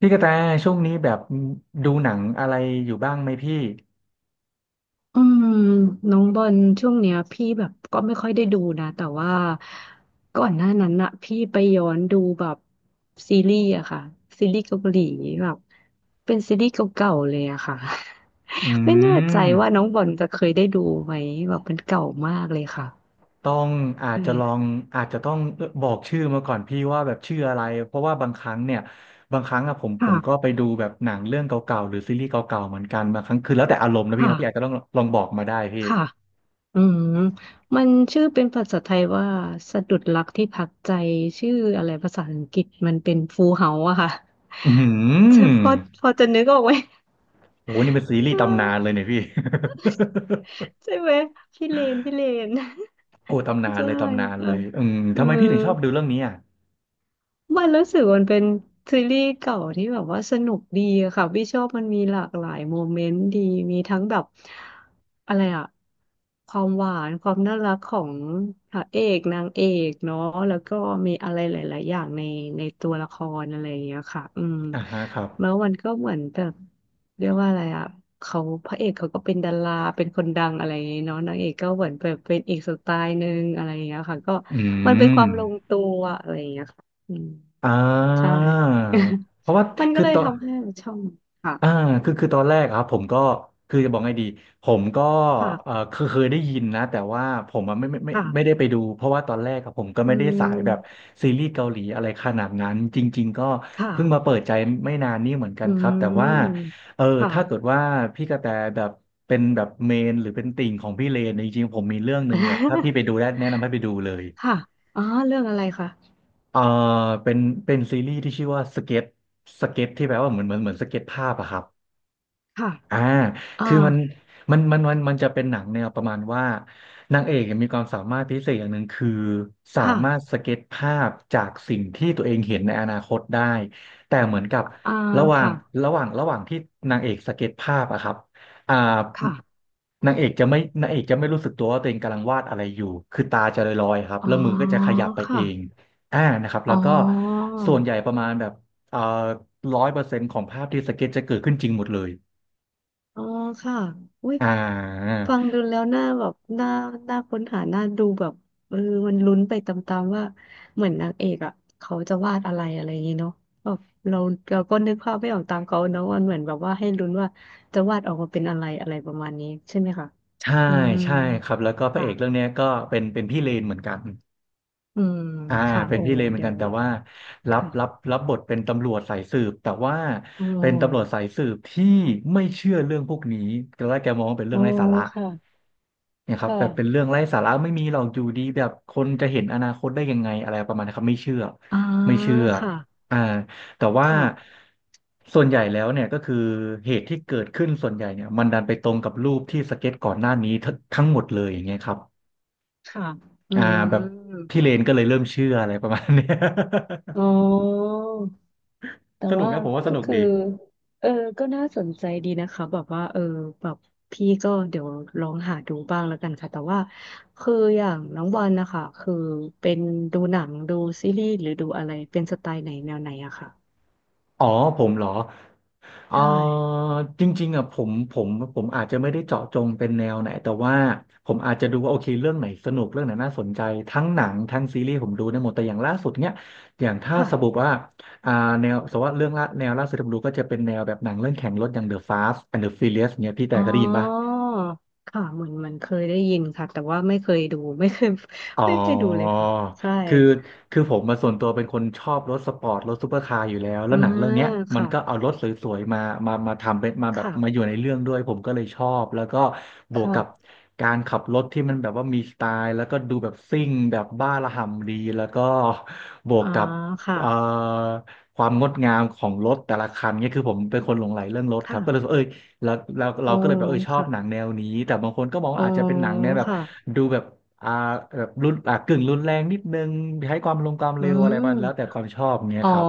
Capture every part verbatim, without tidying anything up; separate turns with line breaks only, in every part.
พี่กระแตช่วงนี้แบบดูหนังอะไรอยู่บ้างไหมพี่
อืมน้องบอลช่วงเนี้ยพี่แบบก็ไม่ค่อยได้ดูนะแต่ว่าก่อนหน้านั้นอะพี่ไปย้อนดูแบบซีรีส์อะค่ะซีรีส์เกาหลีแบบเป็นซีรีส์เก่าๆเลยอะค่ะ
อื
ไม่แน่ใจ
ม
ว่าน้องบอลจะเคยได้ดูไหมแบบมันเก่ามากเลยค่ะ
ต้องอา
ใช
จจะลอง
่
อาจจะต้องบอกชื่อมาก่อนพี่ว่าแบบชื่ออะไรเพราะว่าบางครั้งเนี่ยบางครั้งอะผมผ
ค่ะ
มก็ไปดูแบบหนังเรื่องเก่าๆหรือซีรีส์เก่าๆเหมือนกันบางครั้งคือแล้วแต่อารมณ์นะพี่
ค่ะ
นะพี่อาจจะต้องลองบอกมาได้พี่
ค่ะอืมมันชื่อเป็นภาษาไทยว่าสะดุดรักที่พักใจชื่ออะไรภาษาอังกฤษมันเป็นฟูลเฮาส์อะค่ะ
อื
จะพ
ม
อพอจะนึกออกไหม
โอ้โหนี่เป็นซีรีส์
จะ
ตำนานเลยเนี่ยพี่
ใช่ไหมพี่เลนพี่เลน
โอ้ตำนา น
ใช่
เลยตำนาน
ค่ะ
เลยอืม
เออ
ทำไมพี่ถึงชอบดูเรื่องนี้อ่ะ
มันรู้สึกมันเป็นซีรีส์เก่าที่แบบว่าสนุกดีอะค่ะพี่ชอบมันมีหลากหลายโมเมนต์ดีมีทั้งแบบอะไรอะความหวานความน่ารักของพระเอกนางเอกเนาะแล้วก็มีอะไรหลายๆอย่างในในตัวละครอะไรอย่างเงี้ยค่ะอืม
อ่าฮะครับ
แล้วมันก็เหมือนแบบเรียกว่าอะไรอะเขาพระเอกเขาก็เป็นดาราเป็นคนดังอะไรอย่างเงี้ยเนาะนางเอกก็เหมือนแบบเป็นอีกสไตล์หนึ่งอะไรอย่างเงี้ยค่ะก็
อื
มันเป็นค
ม
วามลงตัวอะไรอย่างเงี้ย อืม
อ่
ใช่
าเพราะว่า
มัน ก็
คือ
เลย
ตอน
ทำให้เราชอบค่ะ
อ่าคือคือตอนแรกอะครับผมก็คือจะบอกไงดีผมก็เออ
ค่ะ
เคยเคยได้ยินนะแต่ว่าผมอะไม่ไม่ไม่ไม่ได้
ค่ะ
ไปดูเพราะว่าตอนแรกอะผมก็
อื
ไม่ได้สายแบบ
ม
ซีรีส์เกาหลีอะไรขนาดนั้นจริงๆก็
ค่ะ
เพิ่งมาเปิดใจไม่นานนี่เหมือนกั
อื
นครับแต่ว่า
ม
เออ
ค่ะ
ถ้าเกิดว่าพี่กระแตแบบเป็นแบบเมนหรือเป็นติ่งของพี่เลนเนี่ยจริงๆผมมีเรื่องหนึ่งแบบถ้าพี่ไปดูได้แนะนำให้ไปดูเลย
ค่ะอ๋อเรื่องอะไรคะ
เอ่อเป็นเป็นซีรีส์ที่ชื่อว่าสเก็ตสเก็ตที่แปลว่าเหมือนเหมือนเหมือนสเก็ตภาพอะครับ
ค่ะ
อ่า
อ่า
คือมันมันมันมันมันจะเป็นหนังแนวประมาณว่านางเอกเนี่ยมีความสามารถพิเศษอย่างหนึ่งคือสา
ค่ะ
มารถสเก็ตภาพจากสิ่งที่ตัวเองเห็นในอนาคตได้แต่เหมือนกับ
อ่า
ระหว่าง
ค่ะ
ระหว่างระหว่างที่นางเอกสเก็ตภาพอะครับอ่า
ค่ะ
นางเอกจะไม่นางเอกจะไม่รู้สึกตัวว่าตัวเองกำลังวาดอะไรอยู่คือตาจะลอยๆครับ
อ๋อ
แล้วมือก็จะขยับไปเอ
ค่ะ
งอ่านะครับ
อ๋
แล้
อ
วก็ส่วนใหญ่ประมาณแบบเอ่อร้อยเปอร์เซ็นต์ของภาพที่สเก็ตจะเกิดขึ้นจริงหมดเลย
อ๋อค่ะอุ้ย
อ่า
ฟังดูแล้วน่าแบบน่าน่าค้นหาน่าดูแบบเออมันลุ้นไปตามๆว่าเหมือนนางเอกอ่ะเขาจะวาดอะไรอะไรอย่างงี้เนาะแบบเราเราก็นึกภาพไม่ออกตามเขาเนาะมันเหมือนแบบว่าให้ลุ้นว่าจะวาดออกมาเป็นอะไรอะไรประมาณนี้ใช่ไหมคะ
ใช่
อืม
ใช่ครับแล้วก็พระเอ
ค่ะ
กเรื่องเนี้ยก็เป็นเป็นพี่เลนเหมือนกัน
อืม
อ่า
ค่ะ
เป็น
โอ้
พี่เลนเหมือน
เดี๋ย
กั
ว
นแต่
นี้
ว่ารับรั
ค่ะ
บรับบทเป็นตำรวจสายสืบแต่ว่า
โอ้
เป็นตำรวจสายสืบที่ไม่เชื่อเรื่องพวกนี้ตอนแรกแกมองว่าเป็นเรื่
โอ้
องไร้สาระ
ค่ะ
เนี่ยค
ค
รับแบบเป็น
่ะ
เรื่องไร้สาระไม่มีหรอกอยู่ดีแบบคนจะเห็นอนาคตได้ยังไงอะไรประมาณนี้ครับไม่เชื่อ
อ่า
ไม่เชื่อ
ค่ะ
อ่าแต่ว่า
ค่ะ
ส่วนใหญ่แล้วเนี่ยก็คือเหตุที่เกิดขึ้นส่วนใหญ่เนี่ยมันดันไปตรงกับรูปที่สเก็ตก่อนหน้านี้ทั้งทั้งหมดเลยอย่างเงี้ยครับ
ค่ะอื
อ่าแบบ
ม
พี่เลนก็เลยเริ่มเชื่ออะไรประมาณเนี้ย
อ๋อ แต่
สนุก
ว่า
นะผมว่าส
ก็
นุก
คือ
ดี
เออก็น่าสนใจดีนะคะแบบว่าเออแบบพี่ก็เดี๋ยวลองหาดูบ้างแล้วกันค่ะแต่ว่าคืออย่างน้องวันนะคะคือเป็นดูหนังดูซีรีส์หรือดูอะไรเป็นสไตล์ไหนแนวไหนอะค่ะ
อ๋อผมเหรอ เอ่
ใช่
อจริงๆอ่ะผมผมผมอาจจะไม่ได้เจาะจงเป็นแนวไหนแต่ว่าผมอาจจะดูว่าโอเคเรื่องไหนสนุกเรื่องไหนน่าสนใจทั้งหนังทั้งซีรีส์ผมดูได้หมดแต่อย่างล่าสุดเนี้ยอย่างถ้า
ค่ะ
สมมติว่าอ่าแนวสมมติว่าเรื่องละแนวล่าสุดที่ผมดูก็จะเป็นแนวแบบหนังเรื่องแข่งรถอย่าง The Fast and the Furious เนี้ยพี่แต่
อ๋
เคยได้ยินป่ะ
อค่ะเหมือนมันเคยได้ยินค่ะแต่ว่าไม่เคยดูไม่เคย
อ๋อ
ไม่เคยดูเลยค่ะใช่
คือคือผมมาส่วนตัวเป็นคนชอบรถสปอร์ตรถซูเปอร์คาร์อยู่แล้วแล้
อ่า
วหนังเรื่องเนี้ยมัน
ค่ะ
ก็เอารถสวยๆมามามาทำเป็นมาแบบมาอ
ค่ะ
ยู่ในเรื่องด้วยผมก็เลยชอบแล้วก็บ
ค
วกกับ
่ะ
การขับรถที่มันแบบว่ามีสไตล์แล้วก็ดูแบบซิ่งแบบบ้าระห่ำดีแล้วก็บวก
อ่า
กับ
ค่ะ
เอ่อความงดงามของรถแต่ละคันเนี่ยคือผมเป็นคนหลงใหลเรื่องรถครับก็เลยรู้สึก
ค่ะ
เอ้ยแล้วเราเรา
โอ้
ก็เลยแบบเออชอบหนัง
ค่ะ
แนวนี้แต่บางคนก็มอง
อ๋
ว่า
อ
อาจจะเป็นหนังแนวแบบ
ค่ะ
ดูแบบ อ่าแบบรุนอ่ากึ่งรุนแรงนิดนึงใช้ความลงความ
อื
เร็วอะไรไปแล้วแต่
ม
ความชอบเนี้ย
อ๋อ
ครับ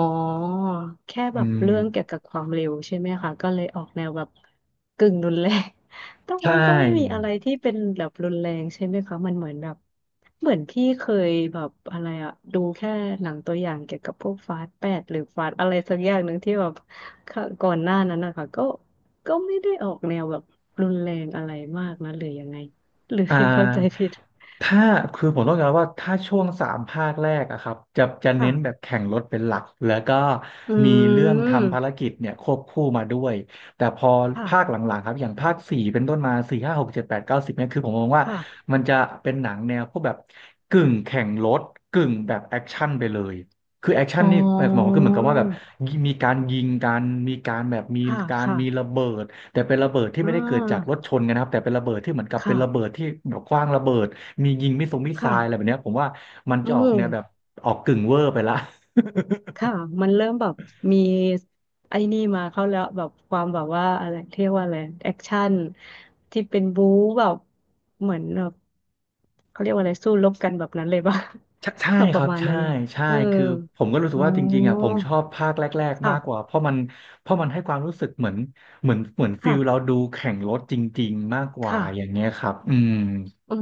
แค่
อื
แบบเรื่องเกี่ยว
ม
กับความเร็วใช่ไหมคะ ก็เลยออกแนวแบบกึ่งรุนแรง แต่ว่า
ใช่
มันก็ไม่มีอะไรที่เป็นแบบรุนแรงใช่ไหมคะมันเหมือนแบบเหมือนพี่เคยแบบอะไรอะดูแค่หนังตัวอย่างเกี่ยวกับพวกฟาสต์แปดหรือฟาสต์อะไรสักอย่างหนึ่งที่แบบค่ะก่อนหน้านั้นนะคะก็ก็ไม่ได้ออกแนวแบบรุนแรงอะไรมากนะหรือยังไงหรือ
อ่
พี่เข้าใจ
า
ผิด
ถ้าคือผมต้องการว่าถ้าช่วงสามภาคแรกอะครับจะจะเน้นแบบ
ค่ะ
แข่งรถเป็นหลักแล้วก็
อื
มีเรื่องทำภาร
ม
กิจเนี่ยควบคู่มาด้วยแต่พอภาคห
ค่ะ
ลังๆครับอย่างภาคสี่เป็นต้นมาสี่ห้าหกเจ็ดแปดเก้าสิบเนี่ยคือผมมองว่า
ค่ะ
มันจะเป็นหนังแนวพวกแบบกึ่งแข่งรถกึ่งแบบแอคชั่นไปเลยคือแอคชั่น
อ๋อ
นี่หมายความว่าคือเหมือนกับว่าแบบมีการยิงกันมีการแบบมี
ค่ะ
การ
ค่ะ
มีระเบิดแต่เป็นระเบิดที่
อ่
ไม่ได้เกิดจากร
า
ถชนกันนะครับแต่เป็นระเบิดที่เหมือนกับเป็
ค่ะ
นระเบิดที่แบบขว้างระเบิด มียิงมิสซงมิสไซ
ค่ะ
ล์อะไรแบบเนี้ยผมว่ามัน
อื
จะออกแนวแบบ
ม
ออกกึ่งเวอร์ไปละ
ค่ะ มันเริ่มแบบมีไอ้นี่มาเข้าแล้วแบบความแบบว่าอะไรเรียกว่าอะไรแอคชั่นที่เป็นบู๊แบบเหมือนแบบเขาเรียกว่าอะไรสู้รบกันแบบนั้นเลยป่ะ
ใช่ใช่
แบบป
ครั
ระ
บ
มาณ
ใช่
นั้นเลย
ใช่
เออ
คือผมก็รู้สึก
อ๋
ว่าจริงๆอ่ะผ
อ
มชอบภาคแรกๆ
ค่ะ
มากกว่าเพราะมันเพราะมันให้ความรู้สึกเหมือนเหมือนเหมือนฟิ
ค่ะ
ลเราดูแข่งรถจริงๆมากกว่า
ค่ะ
อย่างเงี้ยครับอืม
เออ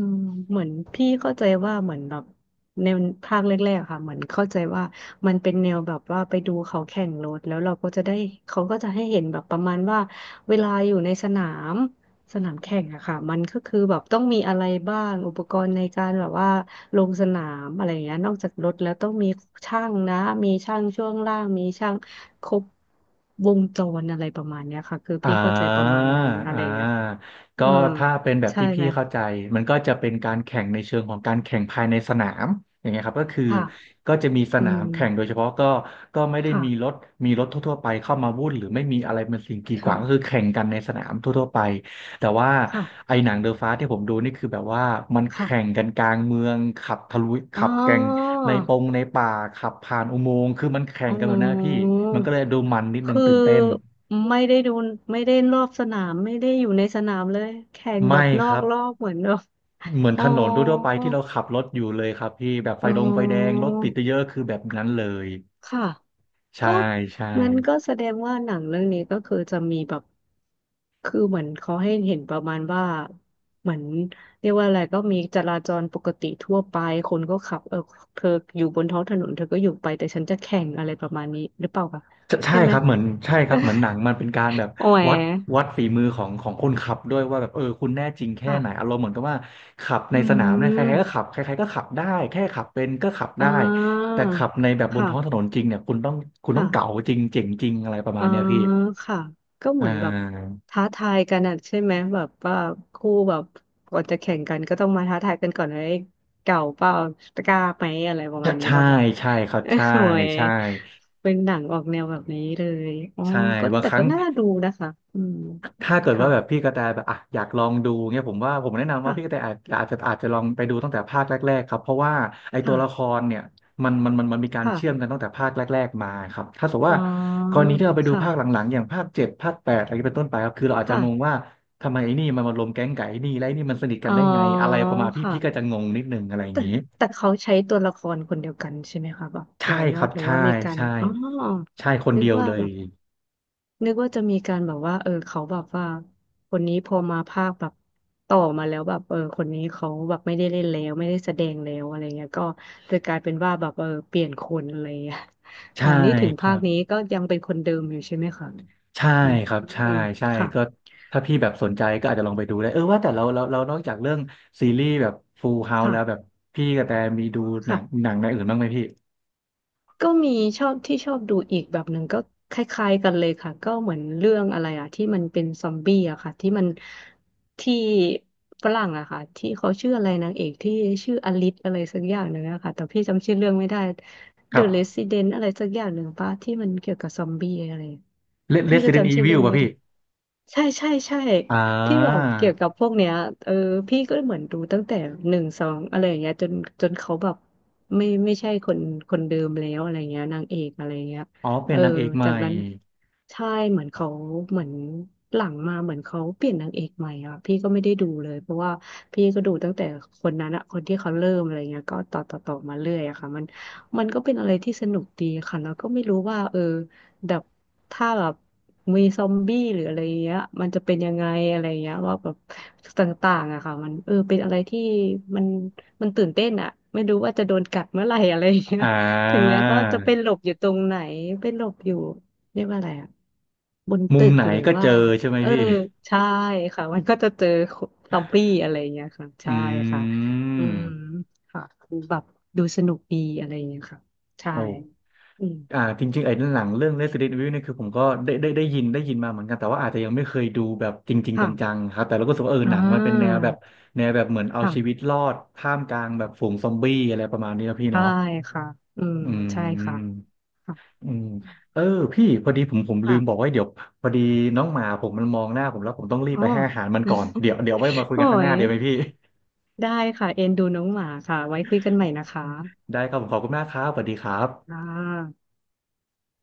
เหมือนพี่เข้าใจว่าเหมือนแบบแนวภาคแรกๆอะค่ะเหมือนเข้าใจว่ามันเป็นแนวแบบว่าไปดูเขาแข่งรถแล้วเราก็จะได้เขาก็จะให้เห็นแบบประมาณว่าเวลาอยู่ในสนามสนามแข่งอะค่ะมันก็คือแบบต้องมีอะไรบ้างอุปกรณ์ในการแบบว่าลงสนามอะไรอย่างเงี้ยนอกจากรถแล้วต้องมีช่างนะมีช่างช่วงล่างมีช่างครบวงจรอะไรประมาณเนี้ยค่ะคือ
อ่า
พี่เข้าใจประมาณนั้นอะไร
อ่
อย่างเงี้ยค่ะ
า
เอ
ก็
อ
ถ้าเป็นแบบ
ใช่
ที่พี่
ไหม
เข้าใจ มันก็จะเป็นการแข่งในเชิงของการแข่งภายในสนาม อย่างเงี้ยครับก็คือ
ค่ะ
ก็จะมีส
อื
นา
ม
มแข่งโดยเฉพาะก็ก็ไม่ได้มีร
ค่ะ
ถมีรถทั่วๆไปเข้ามาวุ่นหรือไม่มีอะไรเป็นสิ่งกีด
ค
ข
รั
วางก็คือ
บ
แข่งกันในสนามทั่วๆไป แต่ว่า
ค่ะ
ไอ้หนังเดอะฟาสที่ผมดูนี่คือแบบว่ามันแข่ง
ค่ะ
กันกลางเมืองขับทะลุ
อ๋อ
ขับแก่งในปงในป่าขับผ่านอุโมงค์คือมันแข่ง
อ๋
กันแบบนั้นนะพี่
อ
มันก็เลยดูมันนิดนึง
คือ
ตื่นเต้น
ไม่ได้ดูไม่ได้รอบสนาม ไม่ได้อยู่ในสนามเลย แข่งแบ
ไม่
บนอ
ครั
ก
บ
รอบเหมือนแบบ
เหมือน
อ๋
ถ
อ
นนทั่วๆไปที่เราขับรถอยู่เลยครับพี่แบบไฟ
อ๋
ดงไฟแดง
อ
รถติดเยอะๆคือแบบนั้นเลย
ค่ะ
ใช่
ก็
ใช่
มันก็แสดงว่าหนังเรื่องนี้ก็คือจะมีแบบคือเหมือนเขาให้เห็นประมาณว่าเหมือนเรียกว่าอะไรก็มีจราจรปกติทั่วไปคนก็ขับเออเธออยู่บนท้องถนนเธอก็อยู่ไปแต่ฉันจะแข่งอะไรประมาณนี้หรือเปล่าคะ
ใช่ใช่
ใช่ไห
ค
ม
รับเหมือนใช่ครับเหมือนหนังมันเป็นการแบบ
โอ้ย
วัดวัดฝีมือของของคนขับด้วยว่าแบบเออคุณแน่จริงแค่ไหนอา
ค่ะ
รมณ์เหมือนกับว่าขับใน
อื
สนามเนี่ยใค
ม
รๆก็ขับใครๆก็ขับได้แค่ขับเป็นก็ขับ
อ่
ได้
า
แต่ขับในแบบบนท้องถ
ค่ะ
นนจริงเนี่ยคุณต้องคุณต้องเก๋า
ค่ะ
จริงเจ๋งจริงอะไรประมา
อ่า
ณเนี้ยพี่
ค่ะก็
อ่
เหมือนแบบ
า
ท้าทายกันอ่ะใช่ไหมแบบว่าคู่แบบก่อนจะแข่งกันก็ต้องมาท้าทายกันก่อนเลยเก่าเปล่ากล้าไหมอะไรประ
ใช่
มาณนี้
ใช่
ป่ะคะ
ใช่ครับใช่
โอ้ย
ใช่
เป็นหนังออกแนวแบบนี้เลยอ๋อ
ใช่
ก็
บาง
แต่
ครั้
ก็
ง
น่าดูนะคะอืม
ถ้าเกิด
ค่ะ
ว่าแบบพี่กระแตแบบอ่ะอยากลองดูเงี้ยผมว่าผมแนะนำว่า
ค่ะ
พี่กระแตอาจอาจจะอาจจะลองไปดูตั้งแต่ภาคแรกๆครับเพราะว่าไอ้ตั
ค่ะ
วละครเนี่ยมันมันมันมันมีการ
ค่ะ
เชื่อมกันตั้งแต่ภาคแรกๆมาครับถ้าสมมติ
อ๋อ
ว่ากรณีที่เราไปดูภาคห
ค่ะ
ลังๆอย่างภาคเจ็ดภาคแปดอะไรเป็นต้นไปครับคือเราอาจจะ
ค่ะ
งงว่าทำไมไอ้นี่มันมารวมแก๊งไก่ไอ้นี่แล้วไอ้นี่มันสนิทกั
อ๋
น
อ
ได้ไงอะไรประมาณพี่พี่ก็จะ
ค่ะ
งงนิดนึงอะไรอย่าง
แต่
นี้
แต่เขาใช้ตัวละครคนเดียวกันใช่ไหมคะแบบ
ใช่
ต่อย
ค
อ
รั
ด
บ
หรือ
ใช่
ว่ามีการ
ใช่
อ๋อ
ใช่คน
นึก
เดียว
ว่า
เล
แบ
ย
บนึกว่าจะมีการแบบว่าเออเขาแบบว่าคนนี้พอมาภาคแบบต่อมาแล้วแบบเออคนนี้เขาแบบไม่ได้เล่นแล้วไม่ได้แสดงแล้วอะไรเงี้ยก็จะกลายเป็นว่าแบบเออเปลี่ยนคนอะไรเงี้ยอ๋
ใช่
อนี่ถึง
ค
ภา
รั
ค
บ
นี้ก็ยังเป็นคนเดิมอยู่ใช่ไหมคะ
ใช่
อืม
ครับ
อื
ใช่
ม
ใช่
ค่ะ
ก็ถ้าพี่แบบสนใจก็อาจจะลองไปดูได้เออว่าแต่เราเราเรานอกจากเรื่องซีรีส์แบบ Full House
ค่ะ
แล้วแบบพี่กระแตมีดูหนัง
ค่ะ
หนังในอื่นบ้างไหมพี่
ก็มีชอบที่ชอบดูอีกแบบหนึ่งก็คล้ายๆกันเลยค่ะก็เหมือนเรื่องอะไรอะที่มันเป็นซอมบี้อะค่ะที่มันที่ฝรั่งอะค่ะที่เขาชื่ออะไรนางเอกที่ชื่ออลิซอะไรสักอย่างหนึ่งอะค่ะแต่พี่จำชื่อเรื่องไม่ได้
ค
The
รับ
Resident อะไรสักอย่างหนึ่งปะที่มันเกี่ยวกับซอมบี้อะไร
Re-
พี่ก็
Resident
จำชื่อเรื่
Evil
อง
ป่ะ
ไม่
พี่
ได้ ใช่ใช่ใช่
อ่
ที่แบบ
า
เกี่ยวกับพวกเนี้ยเออพี่ก็เหมือนดูตั้งแต่หนึ่งสองอะไรอย่างเงี้ยจนจนเขาแบบไม่ไม่ใช่คนคนเดิมแล้วอะไรเงี้ยนางเอกอะไรเงี้ย
อ๋อเป็
เอ
น
อ
นางเอกให
จา
ม่
กนั้นใช่เหมือนเขาเหมือนหลังมาเหมือนเขาเปลี่ยนนางเอกใหม่อ่ะพี่ก็ไม่ได้ดูเลยเพราะว่าพี่ก็ดูตั้งแต่คนนั้นอะคนที่เขาเริ่มอะไรเงี้ยก็ต่อต่อต่อมาเรื่อยอะค่ะมันมันก็เป็นอะไรที่สนุกดีค่ะแล้วก็ไม่รู้ว่าเออ แบบถ้าแบบมีซอมบี้หรืออะไรเงี้ยมันจะเป็นยังไงอะไรเงี้ยว่าแบบต่างๆอะค่ะมันเออเป็นอะไรที่มันมันตื่นเต้นอะไม่รู้ว่าจะโดนกัดเมื่อไหร่อะไรเงี้ย
อ่
ถึง
า
แม้ว่าจะเป็นหลบอยู่ตรงไหนเป็นหลบอยู่เรียกว่าอะไรอะบน
มุ
ตึ
ม
ก
ไหน
หรือ
ก็เจ
ว่า
อใช่ไหม
เออ
พี่
ใช่ค่ะมันก็จะเจอซอมบี้อะไรเงี้ยค่ะ
อื
ใช่ค่ะอืม
ม
ค่ะคือแบบดูสนุกดีอะไรเงี้ยค่ะใช่
โอ
อืม
อ่าจริงๆไอ้หนังเรื่อง Resident Evil เนี่ยคือผมก็ได้ได้ได้ยินได้ยินมาเหมือนกันแต่ว่าอาจจะยังไม่เคยดูแบบจริงๆจ
ค่ะ
ังๆครับแต่เราก็รู้สึกว่าเออ
อ่
หนังมันเป็นแนว
า
แบบแนวแบบเหมือนเอา
ค
ชีวิตร
่ะ
อดท่ามกลางแบบฝูงซอมบี้อะไรประมาณนี้นะพี่
ใช่
เนาะ
ค่ะ อืม
อื
ใช่ค่ะ
ม
ค่ะ
อืมเออพี่พอดีผมผมลืมบอก
ค่ะ
ไว่าเดี๋ยวพอดีน้องหมาผมมันมองหน้าผมแล้วผมต้องรีบ
อ๋อ
ไปให้อาหารมันก่อน เดี๋ยวเดี๋ยวไว้มาคุย
โอ้
กันข้างหน้า
ย
เดี๋ยวไหมพี่
ได้ค่ะ เอ็นดูน้องหมาค่ะ ไว้คุยกันใหม่นะคะ
ได้ครับผมขอบคุณมากครับสวัสดีครั
อ่
บ
า